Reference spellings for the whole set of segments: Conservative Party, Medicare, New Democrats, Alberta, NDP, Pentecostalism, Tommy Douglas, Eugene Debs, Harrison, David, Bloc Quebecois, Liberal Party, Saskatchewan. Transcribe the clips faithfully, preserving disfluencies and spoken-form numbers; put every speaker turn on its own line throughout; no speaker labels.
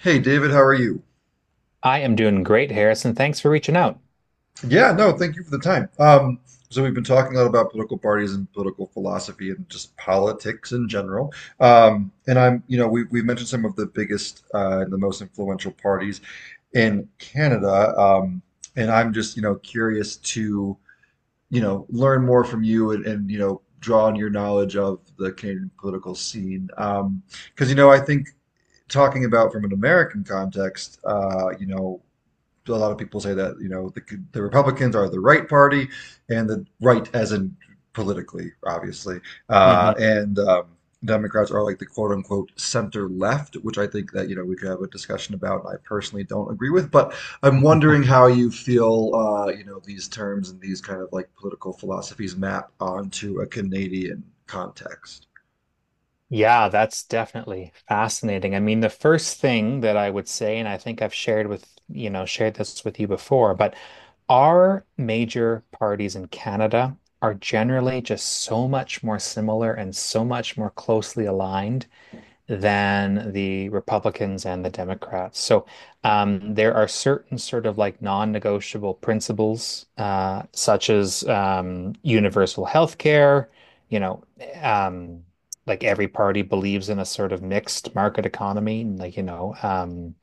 Hey, David, how are you?
I am doing great, Harrison. Thanks for reaching out.
Yeah, no, thank you for the time. Um, so we've been talking a lot about political parties and political philosophy and just politics in general. Um, and I'm, you know, we, we've mentioned some of the biggest uh, the most influential parties in Canada. Um, and I'm just, you know, curious to, you know, learn more from you and, and you know, draw on your knowledge of the Canadian political scene. Um, because, you know, I think talking about from an American context, uh, you know, a lot of people say that you know the, the Republicans are the right party, and the right as in politically, obviously, uh,
hmm
and um, Democrats are like the quote unquote center left, which I think that you know we could have a discussion about. And I personally don't agree with. But I'm wondering how you feel uh, you know, these terms and these kind of like political philosophies map onto a Canadian context.
Yeah, that's definitely fascinating. I mean, the first thing that I would say, and I think I've shared with, you know, shared this with you before, but our major parties in Canada are generally just so much more similar and so much more closely aligned than the Republicans and the Democrats. So um, there are certain sort of like non-negotiable principles, uh, such as um, universal health care. you know, um, like every party believes in a sort of mixed market economy, and, like, you know, um,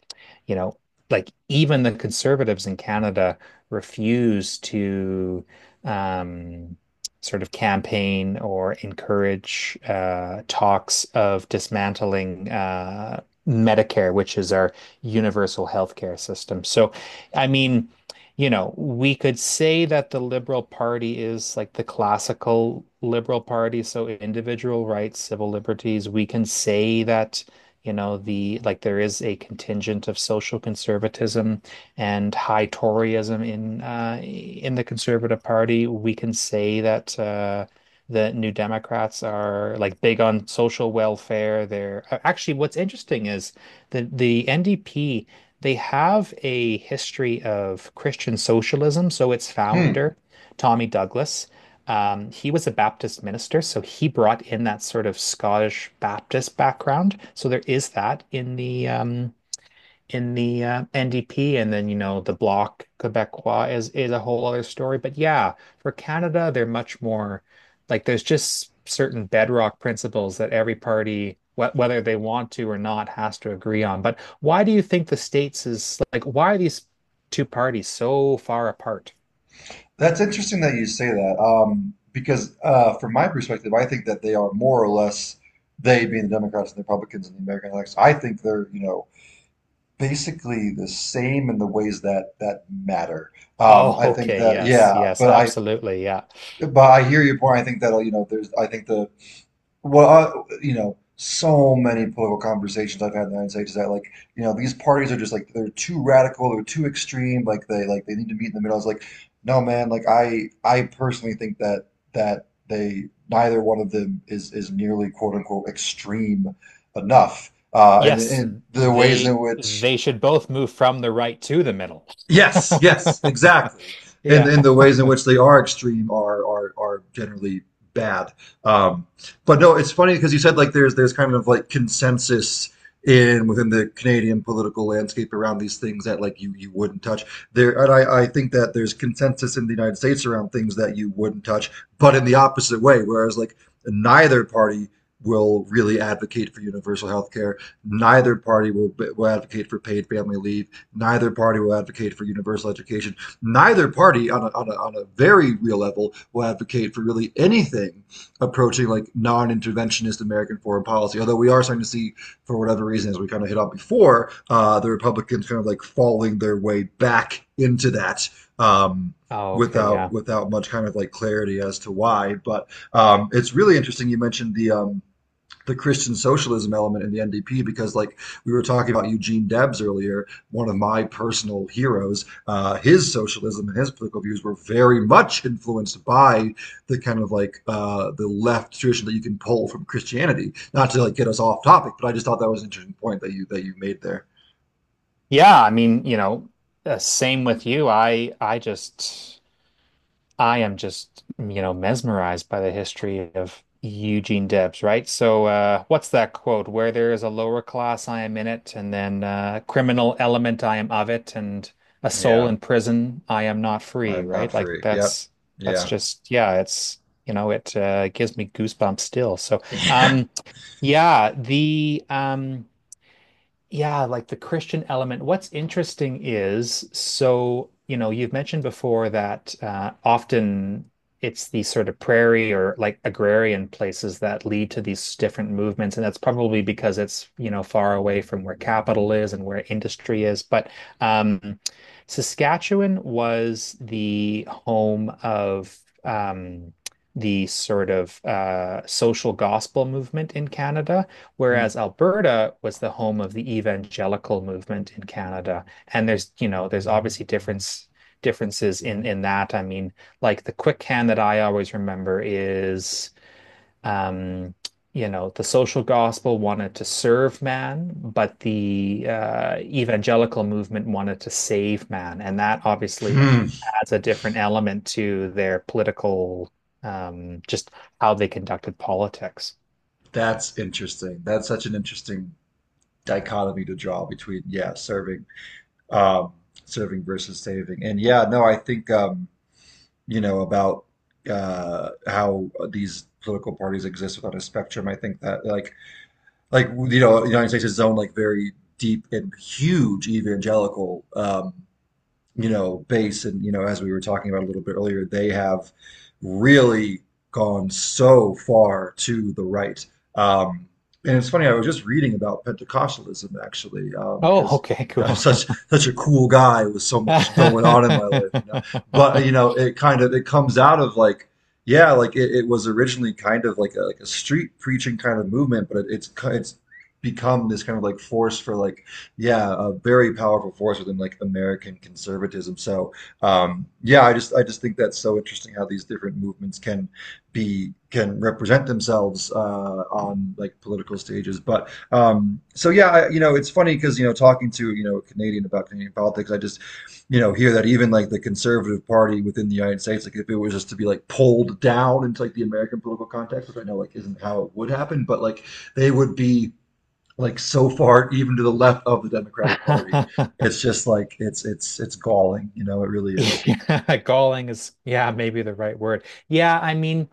you know, like even the conservatives in Canada refuse to um sort of campaign or encourage uh, talks of dismantling uh, Medicare, which is our universal healthcare system. So, I mean, you know, we could say that the Liberal Party is like the classical Liberal Party, so individual rights, civil liberties. We can say that, you know, the like there is a contingent of social conservatism and high Toryism in uh, in the Conservative Party. We can say that uh, the New Democrats are like big on social welfare. They're uh, actually, what's interesting is the the N D P, they have a history of Christian socialism. So its
Hmm.
founder, Tommy Douglas, um, he was a Baptist minister, so he brought in that sort of Scottish Baptist background. So there is that in the um, in the uh, N D P, and then, you know, the Bloc Quebecois is is a whole other story. But yeah, for Canada, they're much more like there's just certain bedrock principles that every party, wh whether they want to or not, has to agree on. But why do you think the states is like, why are these two parties so far apart?
That's interesting that you say that, um, because uh, from my perspective, I think that they are more or less, they being the Democrats and the Republicans and the American election. I think they're, you know, basically the same in the ways that that matter. Um,
Oh,
I think
okay.
that
Yes,
yeah,
yes,
but I
absolutely. Yeah.
but I hear your point. I think that you know there's, I think the, well, I, you know, so many political conversations I've had in the United States is that like, you know, these parties are just like they're too radical, they're too extreme, like they like they need to meet in the middle. I was like, no, man, like I I personally think that that they neither one of them is is nearly quote unquote extreme enough. Uh, and
Yes,
and the ways
they
in which,
they should both move from the right to the middle.
yes, yes, exactly. And
Yeah.
and the ways in which they are extreme are are are generally bad. Um, but no, it's funny because you said like there's there's kind of like consensus in within the Canadian political landscape around these things that like you you wouldn't touch. There and I I think that there's consensus in the United States around things that you wouldn't touch, but in the opposite way, whereas like neither party will really advocate for universal health care. Neither party will, will advocate for paid family leave. Neither party will advocate for universal education. Neither party, on a, on a, on a very real level, will advocate for really anything approaching like non interventionist American foreign policy. Although we are starting to see, for whatever reason, as we kind of hit on before, uh, the Republicans kind of like falling their way back into that. Um,
Oh, okay,
without
yeah.
without much kind of like clarity as to why. But um, it's really interesting you mentioned the um, the Christian socialism element in the N D P because, like, we were talking about Eugene Debs earlier, one of my personal heroes. Uh, his socialism and his political views were very much influenced by the kind of like uh, the left tradition that you can pull from Christianity. Not to like get us off topic, but I just thought that was an interesting point that you that you made there.
Yeah, I mean, you know, uh, same with you. I I just I am just, you know, mesmerized by the history of Eugene Debs, right? So, uh what's that quote? Where there is a lower class, I am in it, and then uh criminal element, I am of it, and a soul
Yeah,
in prison, I am not free,
I'm not
right? Like
free. Yep.
that's that's
Yeah.
just, yeah, it's, you know, it uh gives me goosebumps still. So,
Yeah.
um yeah, the um yeah, like the Christian element. What's interesting is, so, you know, you've mentioned before that uh, often it's these sort of prairie or like agrarian places that lead to these different movements. And that's probably because it's, you know, far away from where capital is and where industry is. But um, Saskatchewan was the home of um, the sort of uh, social gospel movement in Canada.
Hmm.
Whereas Alberta was the home of the evangelical movement in Canada. And there's, you know, there's obviously difference differences in in that. I mean, like the quick hand that I always remember is, um, you know, the social gospel wanted to serve man, but the uh, evangelical movement wanted to save man. And that obviously
Hmm.
adds a different element to their political, um just how they conducted politics.
That's interesting. That's such an interesting dichotomy to draw between yeah serving, um, serving versus saving. And yeah no I think um, you know about uh, how these political parties exist without a spectrum, I think that like like you know the United States is own like very deep and huge evangelical um, you know, base. And, you know, as we were talking about a little bit earlier, they have really gone so far to the right. Um, and it's funny, I was just reading about Pentecostalism actually,
Oh,
because
okay,
um, I'm
cool.
such such a cool guy with so much going on in my life, you know. But you know, it kind of it comes out of like, yeah, like it, it was originally kind of like a, like a street preaching kind of movement, but it, it's it's become this kind of like force for like, yeah, a very powerful force within like American conservatism. So um, yeah, I just I just think that's so interesting how these different movements can be, can represent themselves uh, on like political stages. But um, so yeah, I, you know, it's funny because you know talking to you know a Canadian about Canadian politics, I just you know hear that even like the Conservative Party within the United States, like if it was just to be like pulled down into like the American political context, which I know like isn't how it would happen, but like they would be like so far even to the left of the Democratic Party. It's just like it's it's it's galling, you know, it really is.
Yeah, galling is, yeah, maybe the right word. Yeah, I mean,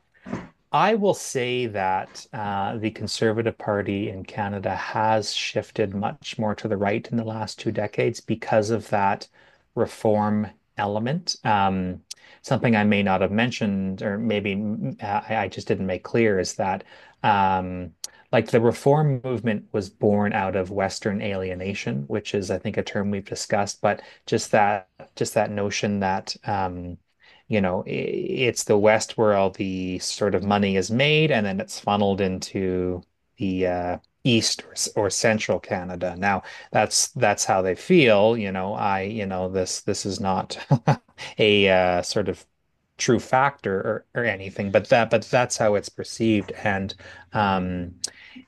I will say that uh, the Conservative Party in Canada has shifted much more to the right in the last two decades because of that reform element. Um, something I may not have mentioned, or maybe mm, I, I just didn't make clear, is that, um, like, the reform movement was born out of Western alienation, which is, I think, a term we've discussed, but just that just that notion that, um, you know, i- it's the West where all the sort of money is made, and then it's funneled into the uh, East or, s- or Central Canada. Now, that's that's how they feel. You know, I, you know, this this is not a, uh, sort of, true factor or, or anything, but that but that's how it's perceived. And, um,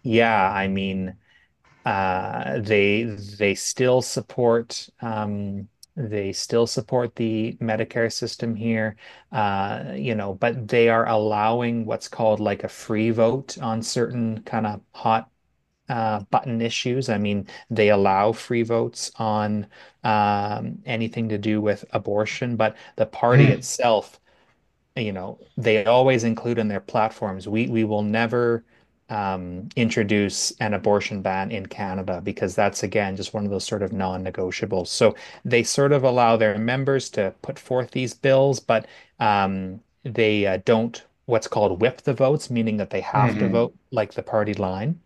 yeah, I mean. Uh, they they still support, um, they still support the Medicare system here, uh, you know, but they are allowing what's called like a free vote on certain kind of hot, uh, button issues. I mean, they allow free votes on, um, anything to do with abortion, but the party itself, you know, they always include in their platforms, we we will never, um, introduce an abortion ban in Canada, because that's, again, just one of those sort of non-negotiables. So they sort of allow their members to put forth these bills, but, um, they uh, don't, what's called, whip the votes, meaning that they have to
Mm-hmm.
vote like the party line.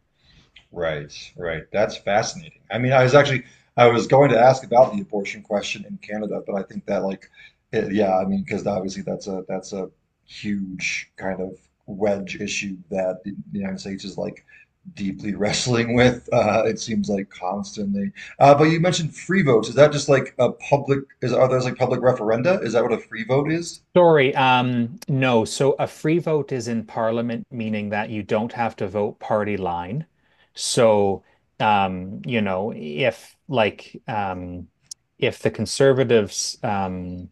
Right, right. That's fascinating. I mean, I was actually, I was going to ask about the abortion question in Canada, but I think that like it, yeah, I mean, because obviously that's a, that's a huge kind of wedge issue that the the United States is like deeply wrestling with. Uh, it seems like constantly. Uh, but you mentioned free votes. Is that just like a public? Is are those like public referenda? Is that what a free vote is?
Sorry, um, no. So a free vote is in parliament, meaning that you don't have to vote party line. So, um, you know, if like um, if the conservatives um,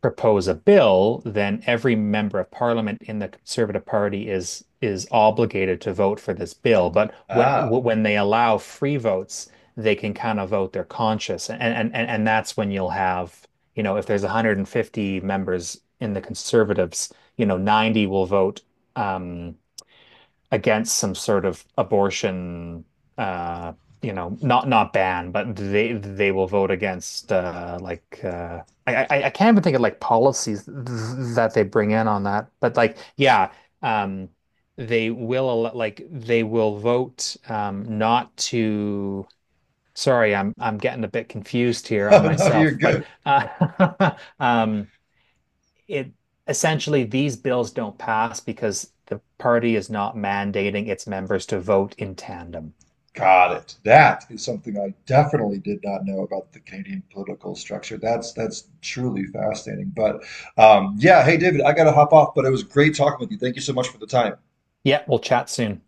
propose a bill, then every member of parliament in the Conservative Party is is obligated to vote for this bill. But when
Ah,
when they allow free votes, they can kind of vote their conscience, and and and and that's when you'll have, you know, if there's one hundred fifty members in the Conservatives, you know, ninety will vote Um, against some sort of abortion, uh, you know, not, not ban. But they they will vote against, uh, like uh, I, I I can't even think of like policies th that they bring in on that, but like, yeah, um, they will al- like they will vote, um, not to. Sorry, I'm I'm getting a bit confused here on
no, you're
myself, but,
good.
uh, um, it essentially these bills don't pass because the party is not mandating its members to vote in tandem.
Got it. That is something I definitely did not know about the Canadian political structure. That's that's truly fascinating. But um, yeah, hey David, I gotta hop off, but it was great talking with you. Thank you so much for the time.
Yeah, we'll chat soon.